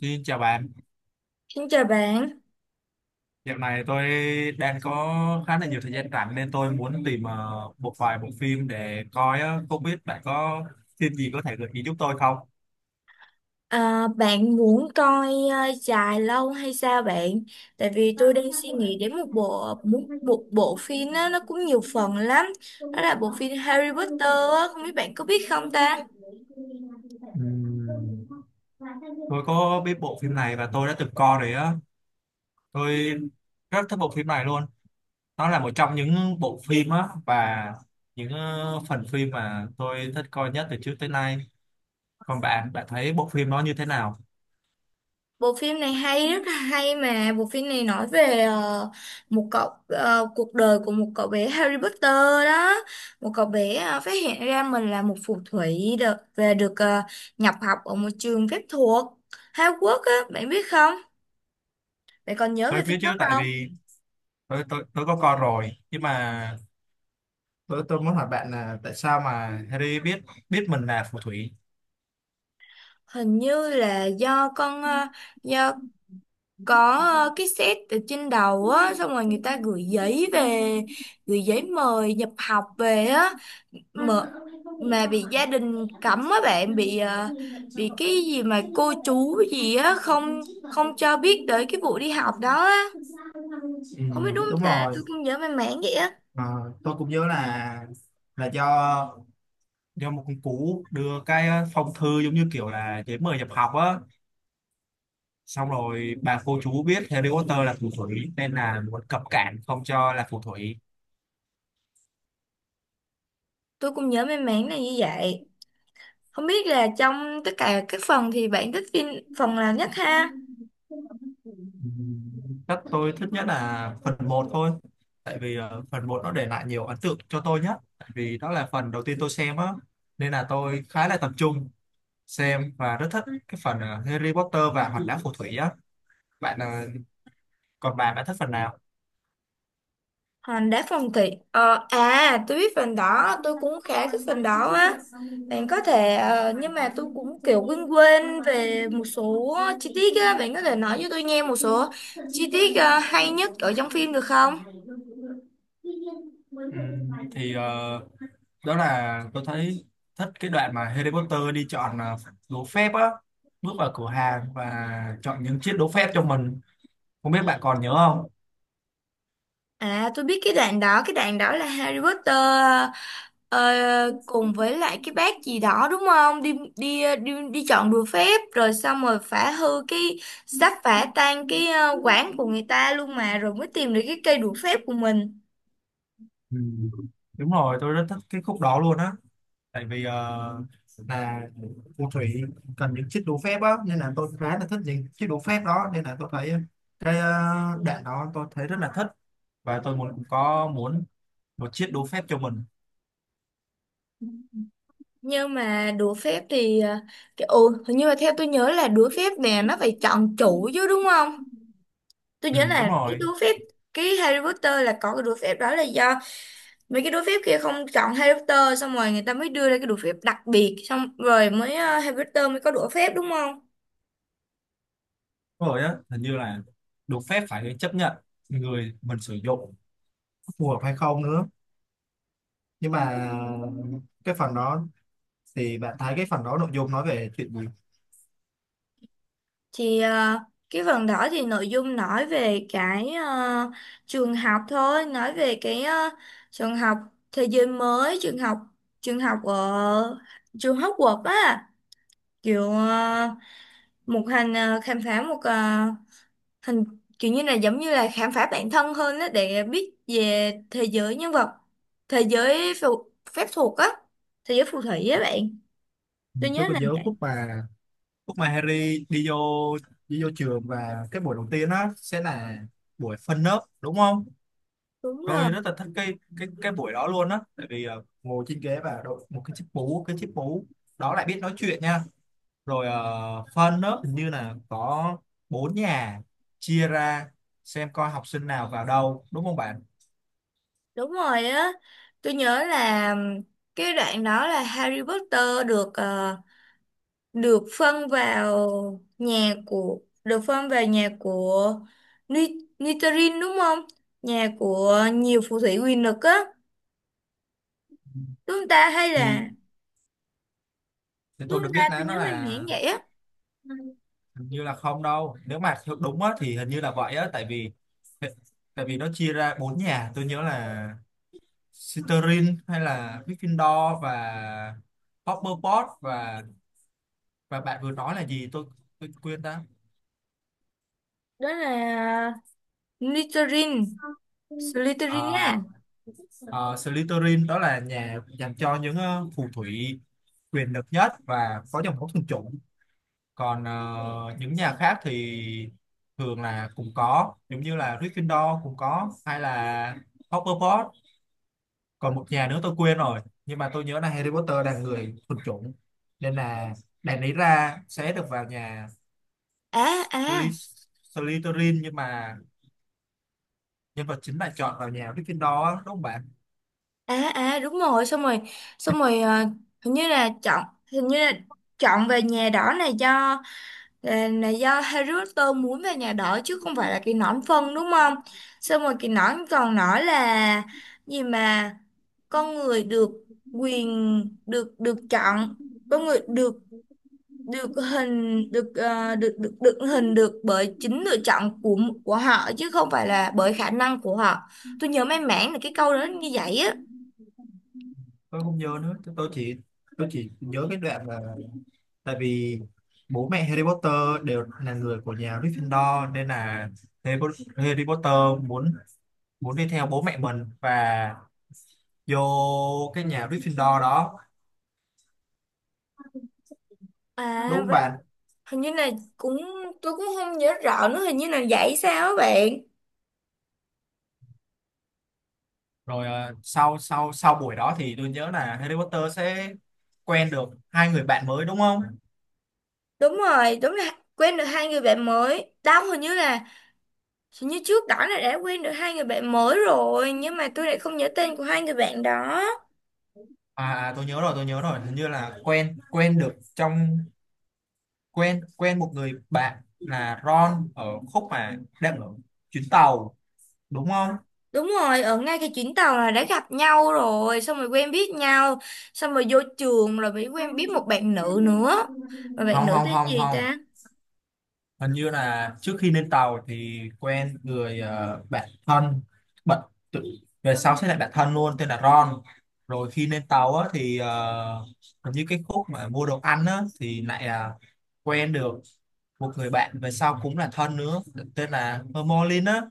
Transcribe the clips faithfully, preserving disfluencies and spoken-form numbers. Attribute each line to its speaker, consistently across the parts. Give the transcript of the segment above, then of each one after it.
Speaker 1: Xin chào bạn,
Speaker 2: Xin chào bạn.
Speaker 1: dạo này tôi đang có khá là nhiều thời gian rảnh nên tôi muốn tìm ờ, một vài bộ phim để coi á. Không biết bạn có phim gì có thể gợi ý giúp tôi không?
Speaker 2: À, bạn muốn coi uh, dài lâu hay sao bạn? Tại vì tôi đang suy nghĩ đến một bộ một, một bộ phim á, nó cũng nhiều phần lắm. Đó là bộ phim Harry Potter á, không biết bạn có biết không ta?
Speaker 1: Ừm, Tôi có biết bộ phim này và tôi đã từng coi rồi á. Tôi rất thích bộ phim này luôn. Nó là một trong những bộ phim á và những ờ, phần phim mà tôi thích coi nhất từ trước tới nay. Còn bạn, bạn thấy bộ phim nó như thế nào?
Speaker 2: Bộ phim này hay, rất là hay, mà bộ phim này nói về ờ, một cậu ờ, cuộc đời của một cậu bé Harry Potter đó. Một cậu bé ờ, phát hiện ra mình là một phù thủy, được về được ờ, nhập học ở một trường phép thuật Hogwarts á, bạn biết không? Vậy còn nhớ về
Speaker 1: Tôi
Speaker 2: phim
Speaker 1: biết chứ,
Speaker 2: đó
Speaker 1: tại
Speaker 2: không?
Speaker 1: vì tôi tôi tôi có con rồi, nhưng mà tôi tôi muốn hỏi bạn là tại sao mà Harry biết biết mình là phù thủy.
Speaker 2: Hình như là do con ờ, do có ờ, cái set ở trên đầu á, xong rồi người ta gửi giấy về gửi giấy mời nhập học về á, mà mà bị gia đình cấm á bạn, bị ờ, bị cái gì mà cô chú gì á không không cho biết tới cái vụ đi học đó á.
Speaker 1: Ừ,
Speaker 2: Không biết đúng
Speaker 1: đúng
Speaker 2: không ta?
Speaker 1: rồi.
Speaker 2: Tôi cũng nhớ mang máng vậy á.
Speaker 1: Ờ, tôi cũng nhớ là là do do một con cú đưa cái ờ, phong thư, giống như kiểu là giấy mời nhập học á, xong rồi bà cô chú biết Harry Potter là phù thủy nên là muốn cấm cản không cho là phù thủy.
Speaker 2: Tôi cũng nhớ mang máng là như vậy. Không biết là trong tất cả các phần thì bạn thích phim phần nào nhất ha?
Speaker 1: Chắc tôi thích nhất là phần một thôi. Tại vì ờ, phần một nó để lại nhiều ấn tượng cho tôi nhất. Tại vì đó là phần đầu tiên tôi xem á. Nên là tôi khá là tập trung xem và rất thích cái phần ờ, Harry Potter và Hòn Đá Phù Thủy á. Bạn ờ, Còn bạn, bạn thích phần nào?
Speaker 2: Hành đá phong thủy. Ờ, À, tôi biết phần đó, tôi cũng khá thích phần đó á. Bạn có thể, ờ, Nhưng mà tôi cũng kiểu quên quên về một số chi tiết á. Bạn có thể nói cho tôi nghe một số chi tiết ờ, hay nhất ở trong phim được không?
Speaker 1: Ừm, thì ờ, đó là tôi thấy thích cái đoạn mà Harry Potter đi chọn ờ, đố phép á, bước vào cửa hàng và chọn những chiếc đố phép cho mình. Không biết bạn còn nhớ không?
Speaker 2: À, tôi biết cái đoạn đó. Cái đoạn đó là Harry Potter ờ, cùng với lại cái bác gì đó đúng không, Đi đi đi, đi chọn đùa phép, rồi xong rồi phá hư cái sắp phá tan cái ờ, quán của người ta luôn mà, rồi mới tìm được cái cây đũa phép của mình.
Speaker 1: Ừ. Đúng rồi, tôi rất thích cái khúc đó luôn á. Tại vì ờ, là phù thủy cần những chiếc đũa phép á, nên là tôi khá là thích những chiếc đũa phép đó, nên là tôi thấy cái uh, đạn đó tôi thấy rất là thích và tôi muốn có muốn một chiếc đũa phép cho mình.
Speaker 2: Nhưng mà đũa phép thì ờ, cái, ồ, hình như là theo tôi nhớ là đũa phép nè, nó phải chọn chủ chứ đúng không? Tôi
Speaker 1: Ừ,
Speaker 2: nhớ là
Speaker 1: đúng
Speaker 2: cái
Speaker 1: rồi,
Speaker 2: đũa phép. Cái Harry Potter là có cái đũa phép đó là do mấy cái đũa phép kia không chọn Harry Potter, xong rồi người ta mới đưa ra cái đũa phép đặc biệt, xong rồi mới ờ, Harry Potter mới có đũa phép đúng không?
Speaker 1: đúng rồi á, hình như là đũa phép phải chấp nhận người mình sử dụng phù hợp hay không nữa. Nhưng mà cái phần đó thì bạn thấy cái phần đó nội dung nói về chuyện gì?
Speaker 2: Thì ờ, cái phần đó thì nội dung nói về cái ờ, trường học thôi, nói về cái ờ, trường học, thế giới mới, trường học, trường học ở trường Hogwarts á, kiểu ờ, một hành ờ, khám phá một ờ, hình, kiểu như là giống như là khám phá bản thân hơn đó, để biết về thế giới nhân vật, thế giới phù, phép thuật á, thế giới phù thủy á bạn.
Speaker 1: Ừ,
Speaker 2: Tôi
Speaker 1: tôi
Speaker 2: nhớ
Speaker 1: có
Speaker 2: là
Speaker 1: nhớ
Speaker 2: vậy.
Speaker 1: khúc mà lúc mà Harry đi vô đi vô trường và cái buổi đầu tiên á sẽ là buổi phân lớp, đúng không?
Speaker 2: Đúng rồi,
Speaker 1: Tôi rất là thích cái cái cái buổi đó luôn á, tại vì ờ, ngồi trên ghế và đội một cái chiếc mũ, cái chiếc mũ đó lại biết nói chuyện nha. Rồi ờ, phân lớp hình như là có bốn nhà, chia ra xem coi học sinh nào vào đâu, đúng không bạn?
Speaker 2: đúng rồi á. Tôi nhớ là cái đoạn đó là Harry Potter được ờ, được phân vào nhà của được phân vào nhà của Ni- Slytherin đúng không? Nhà của nhiều phù thủy quyền lực á, đúng không ta, hay
Speaker 1: thì
Speaker 2: là
Speaker 1: thì
Speaker 2: đúng
Speaker 1: tôi được
Speaker 2: không ta?
Speaker 1: biết
Speaker 2: Tôi
Speaker 1: là nó
Speaker 2: nhớ mềm
Speaker 1: là
Speaker 2: mẻn vậy á.
Speaker 1: hình như là không đâu, nếu mà theo đúng á thì hình như là vậy á, tại vì tại vì nó chia ra bốn nhà. Tôi nhớ là Slytherin hay là Gryffindor và Hufflepuff, và và bạn vừa nói là gì, tôi tôi quên đó.
Speaker 2: Đó là Slytherin, Slytherin á.
Speaker 1: À, à, Slytherin đó là nhà dành cho những ờ, phù thủy quyền lực nhất và có dòng máu thuần chủng. Còn ờ, những nhà khác thì thường là cũng có, giống như là Gryffindor cũng có, hay là Hufflepuff. Còn một nhà nữa tôi quên rồi. Nhưng mà tôi nhớ là Harry Potter là người thuần chủng, nên là đại lý ra sẽ được vào nhà
Speaker 2: À, à,
Speaker 1: Sly- Slytherin, nhưng mà nhân vật chính bạn chọn vào nhà Gryffindor đó, đúng không bạn?
Speaker 2: à, à, đúng rồi, xong rồi xong rồi ờ, hình như là chọn hình như là chọn về nhà đỏ này, do là, là do Harry Potter muốn về nhà đỏ, chứ không phải là cái nón phân, đúng không? Xong rồi cái nón còn nói là gì mà, con người được quyền được được chọn, con người được được hình được ờ, được được được hình được bởi chính lựa chọn của của họ, chứ không phải là bởi khả năng của họ. Tôi nhớ may mắn là cái câu đó như vậy á.
Speaker 1: Tôi không nhớ nữa, tôi tôi chỉ tôi chỉ nhớ cái đoạn là tại vì bố mẹ Harry Potter đều là người của nhà Gryffindor, nên là Harry Po- Harry Potter muốn muốn đi theo bố mẹ mình và vô cái nhà Gryffindor đó, đúng
Speaker 2: À
Speaker 1: không
Speaker 2: vậy-
Speaker 1: bạn?
Speaker 2: hình như là cũng Tôi cũng không nhớ rõ nữa, hình như là vậy sao á bạn?
Speaker 1: Rồi ờ, sau sau sau buổi đó thì tôi nhớ là Harry Potter sẽ quen được hai người bạn mới, đúng không?
Speaker 2: Đúng rồi, đúng là quen được hai người bạn mới đâu. Hình như là hình như trước đó là đã quen được hai người bạn mới rồi, nhưng mà tôi lại không nhớ tên của hai người bạn đó.
Speaker 1: À, à tôi nhớ rồi, tôi nhớ rồi, hình như là quen quen được trong quen quen một người bạn là Ron ở khúc mà đang ở chuyến tàu, đúng không?
Speaker 2: Đúng rồi, ở ngay cái chuyến tàu là đã gặp nhau rồi, xong rồi quen biết nhau, xong rồi vô trường rồi mới quen biết một bạn nữ nữa. Mà bạn
Speaker 1: Không
Speaker 2: nữ
Speaker 1: không
Speaker 2: tên
Speaker 1: không
Speaker 2: gì
Speaker 1: không,
Speaker 2: ta?
Speaker 1: hình như là trước khi lên tàu thì quen người ờ, bạn thân, bận tự về sau sẽ là bạn thân luôn, tên là Ron. Rồi khi lên tàu á thì ờ, hình như cái khúc mà mua đồ ăn á thì lại là quen được một người bạn về sau cũng là thân nữa, tên là Hermione á.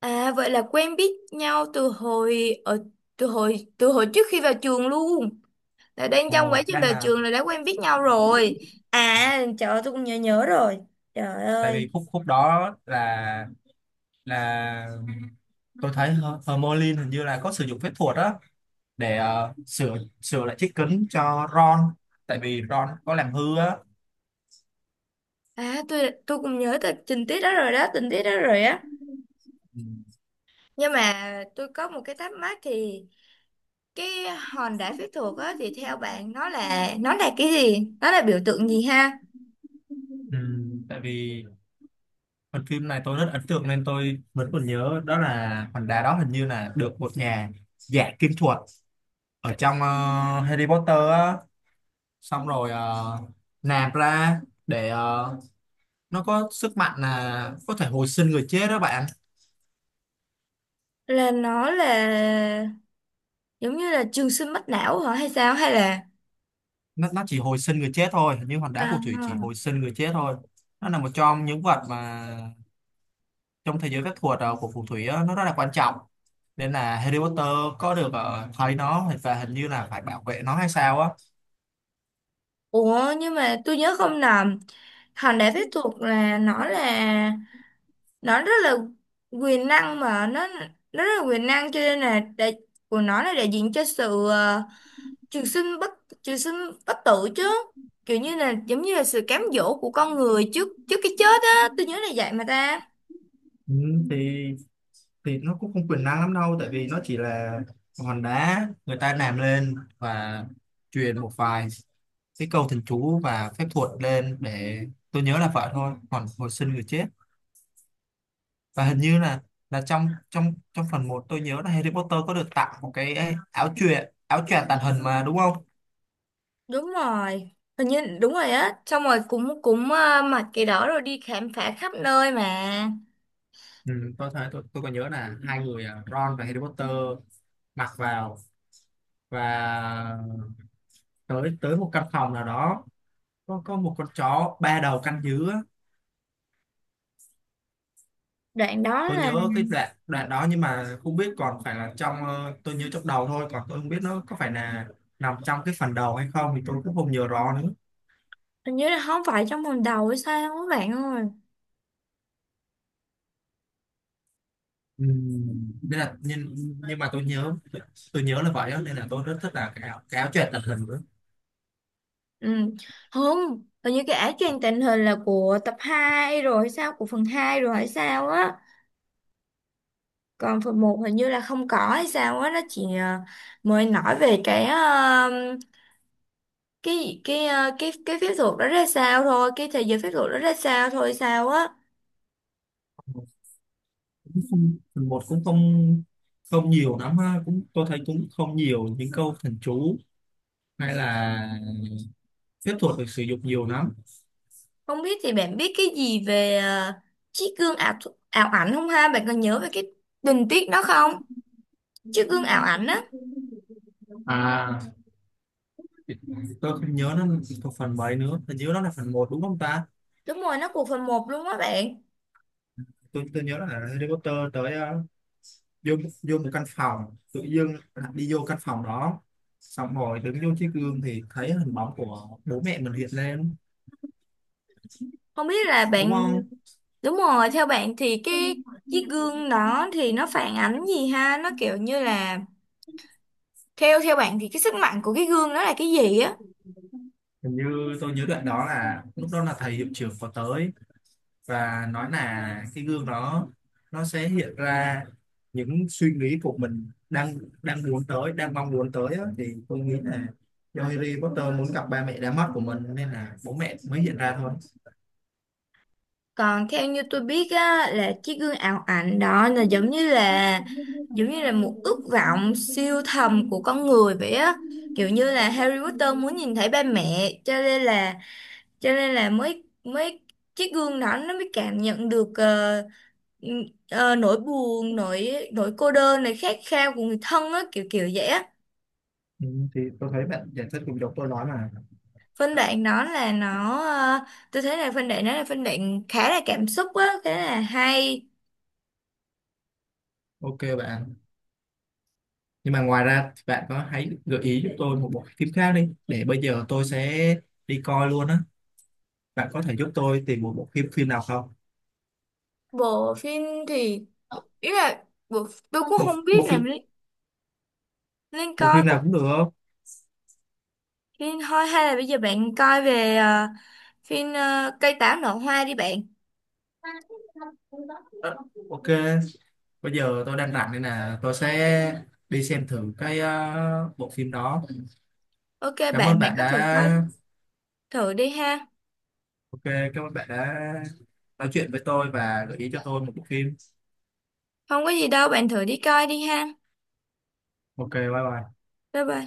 Speaker 2: À vậy là quen biết nhau từ hồi ở từ hồi từ hồi trước khi vào trường luôn. Là đang trong quá
Speaker 1: Ồ,
Speaker 2: trình
Speaker 1: đang
Speaker 2: vào
Speaker 1: là
Speaker 2: trường là đã quen biết nhau rồi. À, trời ơi, tôi cũng nhớ nhớ rồi. Trời
Speaker 1: tại
Speaker 2: ơi.
Speaker 1: vì khúc khúc đó là là tôi thấy Her- Hermione hình như là có sử dụng phép thuật đó để ờ, sửa sửa lại chiếc kính cho Ron, tại vì Ron có làm hư á.
Speaker 2: À, tôi tôi cũng nhớ tình tình tiết đó rồi đó, tình tiết đó rồi á.
Speaker 1: Ừ.
Speaker 2: Nhưng mà tôi có một cái thắc mắc thì, cái hòn đá phép thuật á, thì theo bạn nó là nó là cái gì, nó là biểu tượng gì ha?
Speaker 1: Ừ, tại vì phần phim này tôi rất ấn tượng nên tôi vẫn còn nhớ, đó là hòn đá đó hình như là được một nhà giả kim thuật ở trong ờ, Harry Potter á, xong rồi ờ, nạp ra để ờ, nó có sức mạnh là có thể hồi sinh người chết đó bạn.
Speaker 2: Là nó là giống như là trường sinh bất lão hả, hay sao, hay là...
Speaker 1: Nó nó chỉ hồi sinh người chết thôi, nhưng như hòn
Speaker 2: À,
Speaker 1: đá phù thủy chỉ
Speaker 2: à.
Speaker 1: hồi sinh người chết thôi. Nó là một trong những vật mà trong thế giới phép thuật ờ, của phù thủy á, nó rất là quan trọng, nên là Harry Potter có được ờ, thấy nó và hình như là phải bảo vệ nó hay sao á.
Speaker 2: Ủa, nhưng mà tôi nhớ không nhầm, hòn đá phép thuật là nó là nó rất là quyền năng, mà nó nó rất là quyền năng, cho nên là đại, của nó là đại diện cho sự ờ, trường sinh bất trường sinh bất tử chứ, kiểu như là giống như là sự cám dỗ của con người trước trước cái chết á. Tôi nhớ là vậy mà ta.
Speaker 1: Ừ, thì thì nó cũng không quyền năng lắm đâu, tại vì nó chỉ là hòn đá người ta làm lên và truyền một vài cái câu thần chú và phép thuật lên để tôi nhớ là vậy thôi. Còn hồi sinh người chết và hình như là là trong trong trong phần một, tôi nhớ là Harry Potter có được tặng một cái ấy, áo choàng, áo choàng tàng hình mà đúng không?
Speaker 2: Đúng rồi, hình như đúng rồi á, xong rồi cũng cũng ờ, mặc cái đó rồi đi khám phá khắp nơi mà.
Speaker 1: Ừ, tôi thấy, tôi, tôi còn nhớ là hai người à, Ron và Harry Potter mặc vào và tới tới một căn phòng nào đó, có có một con chó ba đầu canh giữ á.
Speaker 2: Đoạn đó
Speaker 1: Tôi
Speaker 2: là,
Speaker 1: nhớ cái đoạn đoạn đó nhưng mà không biết còn phải là trong, ờ, tôi nhớ trong đầu thôi, còn tôi không biết nó có phải là nằm trong cái phần đầu hay không thì tôi cũng không nhớ rõ nữa.
Speaker 2: hình như là không phải trong phần đầu hay sao các bạn ơi?
Speaker 1: Ừ. Nên là nhưng nhưng mà tôi nhớ tôi nhớ là vậy đó, nên là tôi rất thích là cái áo, cái áo choàng tàng hình nữa.
Speaker 2: Ừ, không, hình như cái áo choàng tình hình là của tập hai rồi hay sao, của phần hai rồi hay sao á. Còn phần một hình như là không có hay sao á, nó chỉ ờ, mới nói về cái ờ, cái cái ờ, cái cái phép thuật đó ra sao thôi, cái thế giới phép thuật đó ra sao thôi sao á.
Speaker 1: Cũng không, phần một cũng không không nhiều lắm ha, cũng tôi thấy cũng không nhiều những câu thần chú hay là phép thuật được sử dụng nhiều lắm.
Speaker 2: Không biết thì bạn biết cái gì về ờ, chiếc gương ảo thu- ảo ảnh không ha, bạn còn nhớ về cái tình tiết đó không? Chiếc gương ảo ảnh á.
Speaker 1: À, tôi không nhớ nó thuộc phần mấy nữa, tôi nhớ nó là phần một đúng không ta?
Speaker 2: Đúng rồi, nó của phần một luôn á bạn.
Speaker 1: Tôi tôi nhớ là Harry Potter tới ờ, vô vô một căn phòng, tự dưng đi vô căn phòng đó, xong rồi đứng vô chiếc gương thì thấy hình bóng của bố mẹ mình hiện lên,
Speaker 2: Không biết là
Speaker 1: đúng
Speaker 2: bạn,
Speaker 1: không?
Speaker 2: đúng rồi, theo bạn thì cái chiếc gương đó thì nó phản ánh gì ha, nó kiểu như là... Theo theo bạn thì cái sức mạnh của cái gương đó là cái gì á?
Speaker 1: Hình như tôi nhớ đoạn đó là lúc đó là thầy hiệu trưởng có tới và nói là cái gương đó nó sẽ hiện ra những suy nghĩ của mình đang đang muốn tới, đang mong muốn tới á. Thì tôi nghĩ là do Harry Potter muốn gặp ba mẹ đã mất của mình nên là bố mẹ mới hiện ra thôi.
Speaker 2: Còn theo như tôi biết á, là chiếc gương ảo ảnh đó là giống như là, giống như là một ước vọng siêu thầm của con người vậy á. Kiểu như là Harry Potter muốn nhìn thấy ba mẹ, cho nên là cho nên là mới mới chiếc gương đó nó mới cảm nhận được ờ, ừ, ờ, nỗi buồn, nỗi nỗi cô đơn này, khát khao của người thân á, kiểu kiểu vậy á.
Speaker 1: Ừ, thì tôi thấy bạn giải thích cùng dọc tôi nói mà.
Speaker 2: Phân đoạn đó là nó ờ, Tôi thấy là phân đoạn đó là phân đoạn khá là cảm xúc á, khá là hay.
Speaker 1: Ok bạn, nhưng mà ngoài ra thì bạn có hãy gợi ý giúp tôi một bộ phim khác đi, để bây giờ tôi sẽ đi coi luôn á. Bạn có thể giúp tôi tìm một bộ phim phim nào không?
Speaker 2: Bộ phim thì, ý là bộ, tôi cũng
Speaker 1: bộ,
Speaker 2: không biết
Speaker 1: bộ
Speaker 2: là
Speaker 1: phim
Speaker 2: Li- Linh
Speaker 1: bộ
Speaker 2: coi
Speaker 1: phim
Speaker 2: bộ
Speaker 1: nào cũng được không?
Speaker 2: phim thôi, hay là bây giờ bạn coi về ờ, phim ờ, cây táo nở hoa đi bạn.
Speaker 1: Ờ, ok, bây giờ tôi đang rảnh nên là tôi sẽ đi xem thử cái ờ, bộ phim đó.
Speaker 2: OK
Speaker 1: Cảm ơn
Speaker 2: bạn bạn
Speaker 1: bạn
Speaker 2: có thử
Speaker 1: đã,
Speaker 2: coi, thử đi ha.
Speaker 1: ok cảm ơn bạn đã nói chuyện với tôi và gợi ý cho tôi một bộ phim.
Speaker 2: Không có gì đâu bạn, thử đi coi đi ha.
Speaker 1: Ok, bye bye.
Speaker 2: Bye bye.